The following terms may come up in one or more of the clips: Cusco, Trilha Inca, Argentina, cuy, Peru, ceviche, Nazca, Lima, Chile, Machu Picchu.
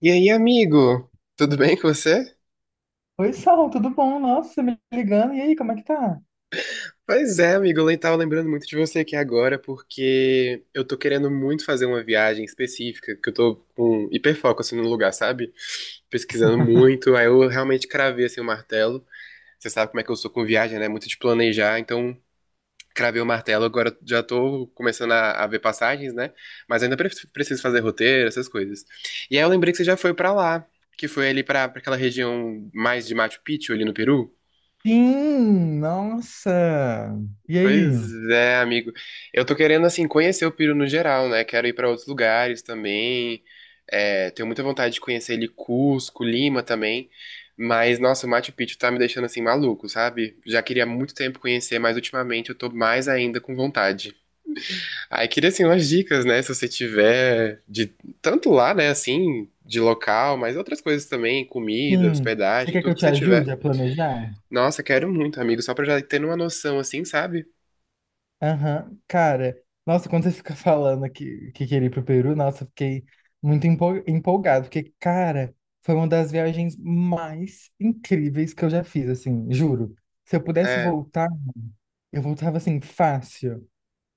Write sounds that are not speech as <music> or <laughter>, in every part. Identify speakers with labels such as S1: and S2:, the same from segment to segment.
S1: E aí, amigo? Tudo bem com você?
S2: Oi, Sal, tudo bom? Nossa, você me ligando. E aí, como é que tá?
S1: Pois é, amigo, eu tava lembrando muito de você aqui agora, porque eu tô querendo muito fazer uma viagem específica, que eu tô com hiperfoco, assim, no lugar, sabe? Pesquisando muito, aí eu realmente cravei, assim, o martelo. Você sabe como é que eu sou com viagem, né? Muito de planejar, então cravei o martelo, agora já tô começando a ver passagens, né? Mas ainda preciso fazer roteiro, essas coisas. E aí eu lembrei que você já foi pra lá, que foi ali pra aquela região mais de Machu Picchu, ali no Peru.
S2: Sim, nossa. E
S1: Pois
S2: aí?
S1: é, amigo. Eu tô querendo, assim, conhecer o Peru no geral, né? Quero ir pra outros lugares também. É, tenho muita vontade de conhecer ele, Cusco, Lima também. Mas, nossa, o Machu Picchu tá me deixando, assim, maluco, sabe? Já queria há muito tempo conhecer, mas ultimamente eu tô mais ainda com vontade. Aí queria, assim, umas dicas, né? Se você tiver de tanto lá, né, assim, de local, mas outras coisas também, comida,
S2: Sim. Você
S1: hospedagem,
S2: quer que eu
S1: tudo que
S2: te
S1: você tiver.
S2: ajude a planejar?
S1: Nossa, quero muito, amigo, só pra já ter uma noção, assim, sabe?
S2: Aham. Cara, nossa, quando você fica <laughs> falando que queria ir pro Peru, nossa, eu fiquei muito empolgado, porque, cara, foi uma das viagens mais incríveis que eu já fiz, assim, juro. Se eu pudesse
S1: É.
S2: voltar, eu voltava assim, fácil.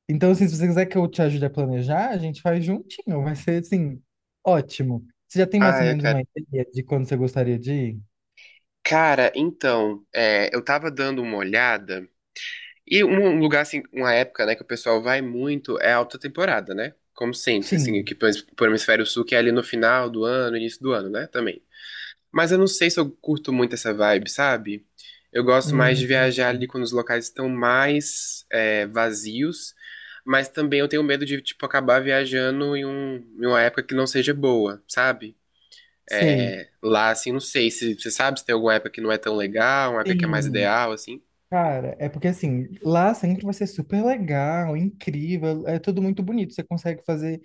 S2: Então, assim, se você quiser que eu te ajude a planejar, a gente faz juntinho. Vai ser, assim, ótimo. Você já tem mais
S1: Ah,
S2: ou
S1: eu
S2: menos uma
S1: quero.
S2: ideia de quando você gostaria de ir?
S1: Cara, então, é, eu tava dando uma olhada, e um lugar assim, uma época, né, que o pessoal vai muito é a alta temporada, né? Como sempre, assim,
S2: Sim.
S1: aqui pro hemisfério sul, que é ali no final do ano, início do ano, né, também. Mas eu não sei se eu curto muito essa vibe, sabe? Eu gosto mais de
S2: Hum,
S1: viajar ali quando os locais estão mais é, vazios, mas também eu tenho medo de, tipo, acabar viajando em uma época que não seja boa, sabe?
S2: sei.
S1: É, lá, assim, não sei se você sabe se tem alguma época que não é tão legal, uma época que é mais
S2: Sim.
S1: ideal, assim.
S2: Cara, é porque, assim, lá sempre vai ser super legal, incrível, é tudo muito bonito. Você consegue fazer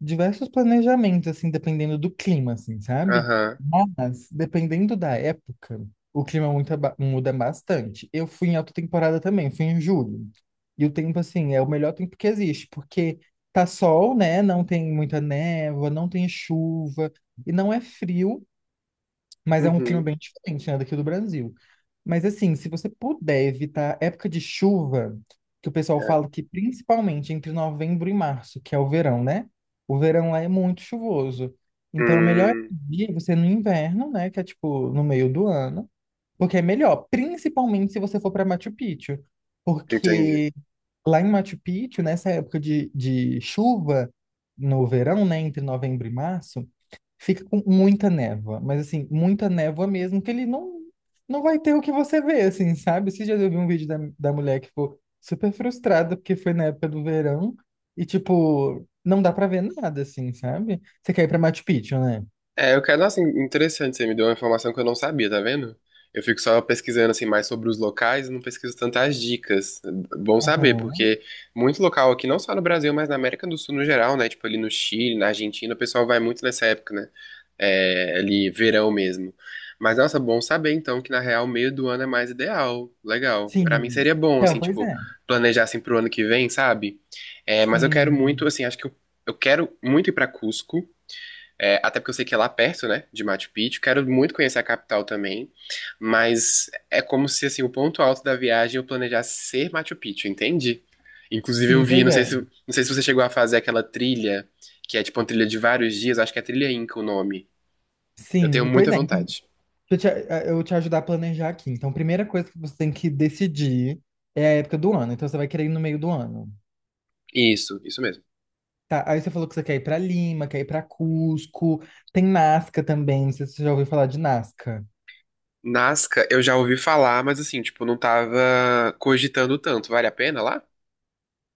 S2: diversos planejamentos, assim, dependendo do clima, assim, sabe?
S1: Aham.
S2: Mas, dependendo da época, o clima muito muda bastante. Eu fui em alta temporada também, fui em julho. E o tempo, assim, é o melhor tempo que existe, porque tá sol, né? Não tem muita névoa, não tem chuva, e não é frio, mas é um clima
S1: Uhum.
S2: bem diferente, né, daqui do Brasil. Mas assim, se você puder evitar época de chuva, que o pessoal
S1: É.
S2: fala que principalmente entre novembro e março, que é o verão, né? O verão lá é muito chuvoso. Então, é melhor
S1: Hum,
S2: dia você no inverno, né, que é tipo no meio do ano, porque é melhor, principalmente se você for para Machu Picchu,
S1: entendi.
S2: porque lá em Machu Picchu, nessa época de chuva no verão, né, entre novembro e março, fica com muita névoa, mas assim, muita névoa mesmo, que ele não vai ter o que você vê, assim, sabe? Você já viu um vídeo da mulher que ficou super frustrada porque foi na época do verão e, tipo, não dá pra ver nada, assim, sabe? Você quer ir pra Machu Picchu, né?
S1: É, eu quero, nossa, interessante, você me deu uma informação que eu não sabia, tá vendo? Eu fico só pesquisando assim mais sobre os locais e não pesquiso tantas dicas. Bom saber,
S2: Aham.
S1: porque muito local aqui, não só no Brasil, mas na América do Sul no geral, né? Tipo ali no Chile, na Argentina, o pessoal vai muito nessa época, né? É, ali verão mesmo. Mas, nossa, bom saber então que na real meio do ano é mais ideal. Legal. Pra mim
S2: Sim.
S1: seria bom,
S2: Então,
S1: assim,
S2: pois
S1: tipo,
S2: é.
S1: planejar assim pro ano que vem, sabe? É, mas eu quero
S2: Sim.
S1: muito, assim, acho que eu quero muito ir pra Cusco. É, até porque eu sei que é lá perto, né, de Machu Picchu. Quero muito conhecer a capital também. Mas é como se, assim, o ponto alto da viagem é eu planejasse ser Machu Picchu, entende? Inclusive eu
S2: Sim,
S1: vi,
S2: pois
S1: não sei
S2: é.
S1: se, não sei se você chegou a fazer aquela trilha, que é tipo uma trilha de vários dias, acho que é trilha Inca o nome. Eu tenho
S2: Sim, pois
S1: muita
S2: é. Então,
S1: vontade.
S2: deixa eu te, eu te ajudar a planejar aqui. Então, a primeira coisa que você tem que decidir é a época do ano. Então, você vai querer ir no meio do ano.
S1: Isso mesmo.
S2: Tá, aí você falou que você quer ir pra Lima, quer ir pra Cusco. Tem Nazca também, não sei se você já ouviu falar de Nazca.
S1: Nazca, eu já ouvi falar, mas assim, tipo, não tava cogitando tanto. Vale a pena lá?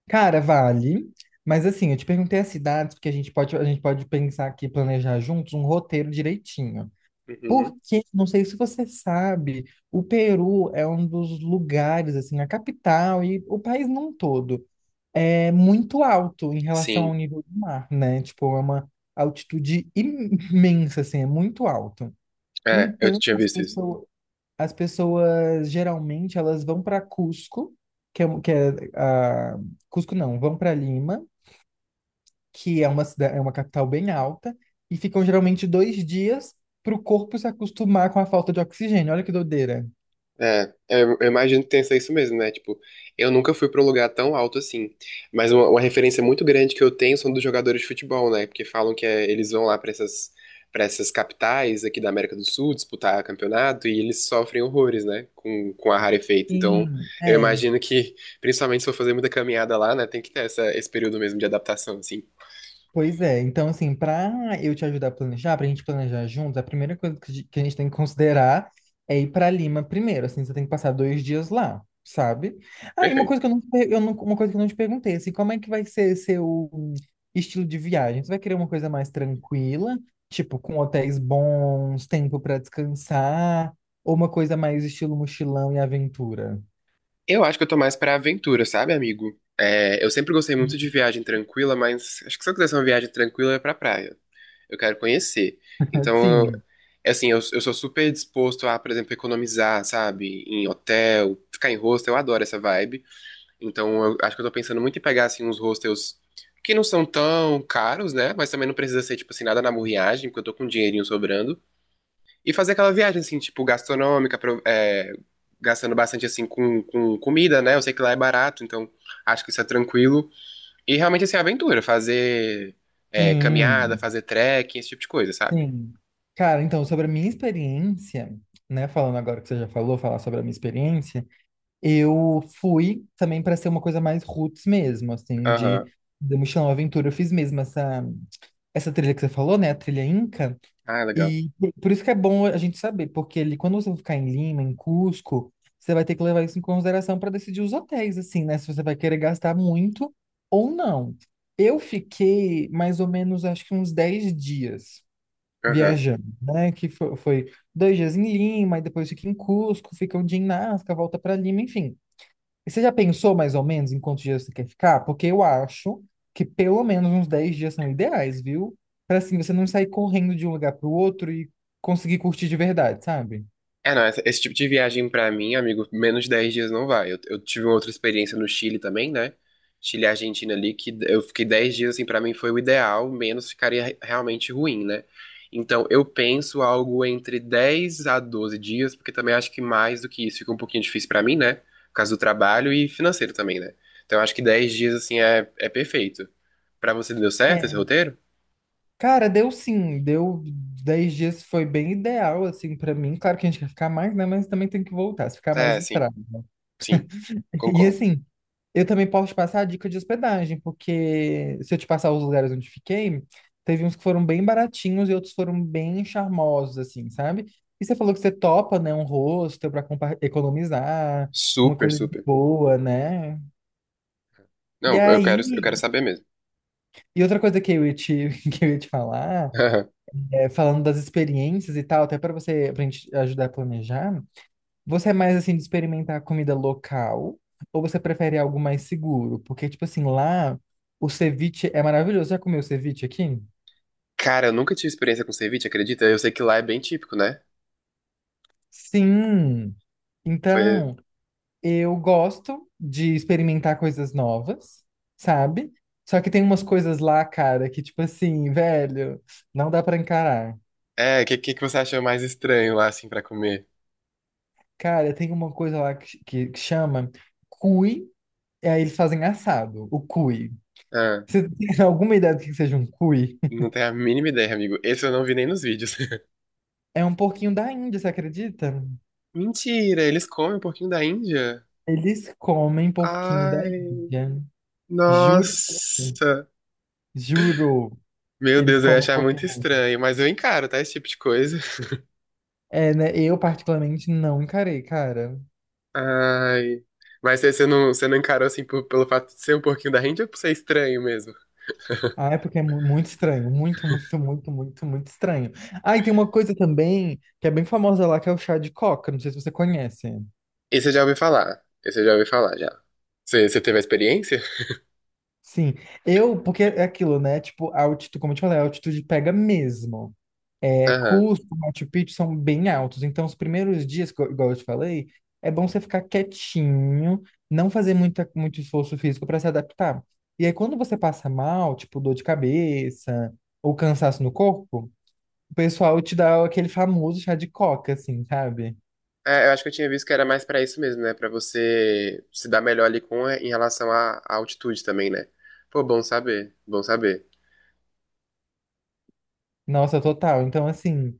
S2: Cara, vale. Mas assim, eu te perguntei as cidades, porque a gente pode pensar aqui, planejar juntos um roteiro direitinho.
S1: Uhum.
S2: Porque, não sei se você sabe, o Peru é um dos lugares, assim, a capital e o país num todo é muito alto em relação ao
S1: Sim.
S2: nível do mar, né? Tipo, é uma altitude imensa, assim, é muito alto.
S1: É, eu
S2: Então,
S1: tinha
S2: as
S1: visto isso.
S2: pessoas as pessoas geralmente elas vão para Cusco, que é, a, Cusco não, vão para Lima, que é uma cidade, é uma capital bem alta, e ficam geralmente 2 dias para o corpo se acostumar com a falta de oxigênio. Olha que doideira.
S1: É, eu imagino que tenha isso mesmo, né? Tipo, eu nunca fui pra um lugar tão alto assim. Mas uma referência muito grande que eu tenho são dos jogadores de futebol, né? Porque falam que eles vão lá pra para essas capitais aqui da América do Sul disputar campeonato e eles sofrem horrores, né? Com ar rarefeito. Então,
S2: Sim,
S1: eu
S2: é.
S1: imagino que, principalmente se for fazer muita caminhada lá, né? Tem que ter esse período mesmo de adaptação, assim.
S2: Pois é, então assim, para eu te ajudar a planejar, para a gente planejar juntos, a primeira coisa que a gente tem que considerar é ir para Lima primeiro, assim, você tem que passar 2 dias lá, sabe? Ah, e uma
S1: Perfeito.
S2: coisa que eu não, te per- eu não- uma coisa que eu não te perguntei, assim, como é que vai ser seu estilo de viagem? Você vai querer uma coisa mais tranquila, tipo, com hotéis bons, tempo para descansar, ou uma coisa mais estilo mochilão e aventura?
S1: Eu acho que eu tô mais pra aventura, sabe, amigo? É, eu sempre gostei muito de viagem tranquila, mas acho que se eu quisesse uma viagem tranquila é pra praia. Eu quero conhecer. Então, eu-
S2: Sim,
S1: é assim, eu sou super disposto a, por exemplo, economizar, sabe? Em hotel, ficar em hostel, eu adoro essa vibe. Então, eu acho que eu tô pensando muito em pegar, assim, uns hostels que não são tão caros, né? Mas também não precisa ser, tipo assim, nada na murriagem, porque eu tô com um dinheirinho sobrando. E fazer aquela viagem, assim, tipo, gastronômica, gastando bastante, assim, com comida, né? Eu sei que lá é barato, então acho que isso é tranquilo. E realmente, assim, aventura, fazer caminhada,
S2: sim.
S1: fazer trekking, esse tipo de coisa, sabe?
S2: Sim. Cara, então, sobre a minha experiência, né, falando agora que você já falou, falar sobre a minha experiência, eu fui também para ser uma coisa mais roots mesmo, assim, de
S1: Aham.
S2: do Mochilão Aventura. Eu fiz mesmo essa trilha que você falou, né, a trilha Inca,
S1: Ah, legal.
S2: e por isso que é bom a gente saber, porque ali quando você ficar em Lima, em Cusco, você vai ter que levar isso em consideração para decidir os hotéis, assim, né, se você vai querer gastar muito ou não. Eu fiquei mais ou menos, acho que uns 10 dias
S1: Aham.
S2: viajando, né? Foi 2 dias em Lima, e depois fica em Cusco, fica 1 dia em Nazca, volta para Lima, enfim. E você já pensou mais ou menos em quantos dias você quer ficar? Porque eu acho que pelo menos uns 10 dias são ideais, viu? Para assim você não sair correndo de um lugar para o outro e conseguir curtir de verdade, sabe?
S1: É, não, esse tipo de viagem pra mim, amigo, menos de 10 dias não vai. Eu tive uma outra experiência no Chile também, né? Chile e Argentina ali, que eu fiquei 10 dias, assim, pra mim foi o ideal, menos ficaria realmente ruim, né? Então, eu penso algo entre 10 a 12 dias, porque também acho que mais do que isso fica um pouquinho difícil pra mim, né? Por causa do trabalho e financeiro também, né? Então, eu acho que 10 dias, assim, é perfeito. Pra você deu certo esse
S2: É.
S1: roteiro?
S2: Cara, deu sim, deu 10 dias, foi bem ideal, assim, pra mim. Claro que a gente quer ficar mais, né? Mas também tem que voltar, se ficar
S1: É,
S2: mais
S1: sim,
S2: estrada, né?
S1: sim,
S2: E
S1: concordo.
S2: assim, eu também posso te passar a dica de hospedagem, porque se eu te passar os lugares onde fiquei, teve uns que foram bem baratinhos e outros foram bem charmosos, assim, sabe? E você falou que você topa, né, um hostel para economizar, uma
S1: Super,
S2: coisa de
S1: super.
S2: boa, né? E
S1: Não, eu quero, eu
S2: aí,
S1: quero saber mesmo.
S2: e outra coisa que eu ia te, <laughs> que eu ia te falar,
S1: <laughs>
S2: é, falando das experiências e tal, até para você, pra gente ajudar a planejar, você é mais assim de experimentar comida local ou você prefere algo mais seguro? Porque, tipo assim, lá o ceviche é maravilhoso. Já comeu ceviche aqui?
S1: Cara, eu nunca tive experiência com ceviche, acredita? Eu sei que lá é bem típico, né?
S2: Sim!
S1: Foi-
S2: Então, eu gosto de experimentar coisas novas, sabe? Só que tem umas coisas lá, cara, que, tipo assim, velho, não dá pra encarar.
S1: É, o que, que você achou mais estranho lá, assim, pra comer?
S2: Cara, tem uma coisa lá que chama cuy, e aí eles fazem assado, o cuy.
S1: Ah,
S2: Você <laughs> tem alguma ideia do que seja um cuy?
S1: não tenho a mínima ideia, amigo. Esse eu não vi nem nos vídeos. <laughs>
S2: É um porquinho da Índia, você acredita?
S1: Mentira, eles comem um pouquinho da Índia?
S2: Eles comem porquinho da
S1: Ai,
S2: Índia. Juro, pra você.
S1: nossa.
S2: Juro
S1: Meu
S2: que eles
S1: Deus, eu ia
S2: comem
S1: achar muito
S2: porquinho.
S1: estranho, mas eu encaro, tá? Esse tipo de coisa.
S2: É, né? Eu particularmente não encarei, cara.
S1: <laughs> Ai. Mas você não, você não encarou, assim, pelo fato de ser um pouquinho da Índia ou por ser estranho mesmo?
S2: Ah, é porque é muito estranho, muito, muito, muito, muito, muito estranho. Ah, e tem uma coisa também que é bem famosa lá, que é o chá de coca. Não sei se você conhece.
S1: Esse eu já ouvi falar. Esse eu já ouvi falar, já. Você teve a experiência?
S2: Sim, eu, porque é aquilo, né? Tipo, a altitude, como eu te falei, a altitude pega mesmo. É,
S1: Aham.
S2: Cusco, Machu Picchu são bem altos. Então, os primeiros dias, igual eu te falei, é bom você ficar quietinho, não fazer muito esforço físico para se adaptar. E aí, quando você passa mal, tipo dor de cabeça ou cansaço no corpo, o pessoal te dá aquele famoso chá de coca, assim, sabe?
S1: É, eu acho que eu tinha visto que era mais pra isso mesmo, né? Pra você se dar melhor ali com em relação à altitude também, né? Pô, bom saber, bom saber.
S2: Nossa, total. Então, assim,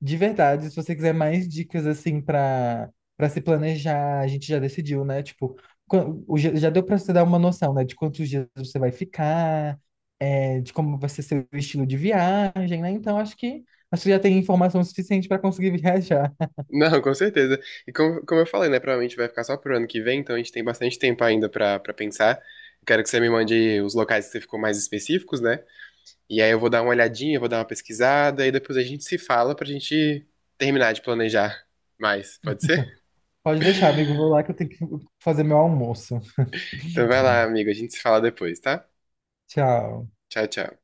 S2: de verdade, se você quiser mais dicas, assim, para se planejar, a gente já decidiu, né? Tipo, quan- o já já deu para você dar uma noção, né? De quantos dias você vai ficar, é, de como vai ser seu estilo de viagem, né? Então, acho que já tem informação suficiente para conseguir <laughs> viajar.
S1: <laughs> Não, com certeza. E como eu falei, né? Provavelmente vai ficar só pro ano que vem, então a gente tem bastante tempo ainda pra pensar. Eu quero que você me mande os locais que você ficou mais específicos, né? E aí eu vou dar uma olhadinha, vou dar uma pesquisada, e depois a gente se fala pra gente terminar de planejar mais. Pode ser?
S2: Pode deixar, amigo. Vou lá que eu tenho que fazer meu almoço.
S1: Então vai lá, amigo. A gente se fala depois, tá?
S2: Tchau.
S1: Tchau, tchau.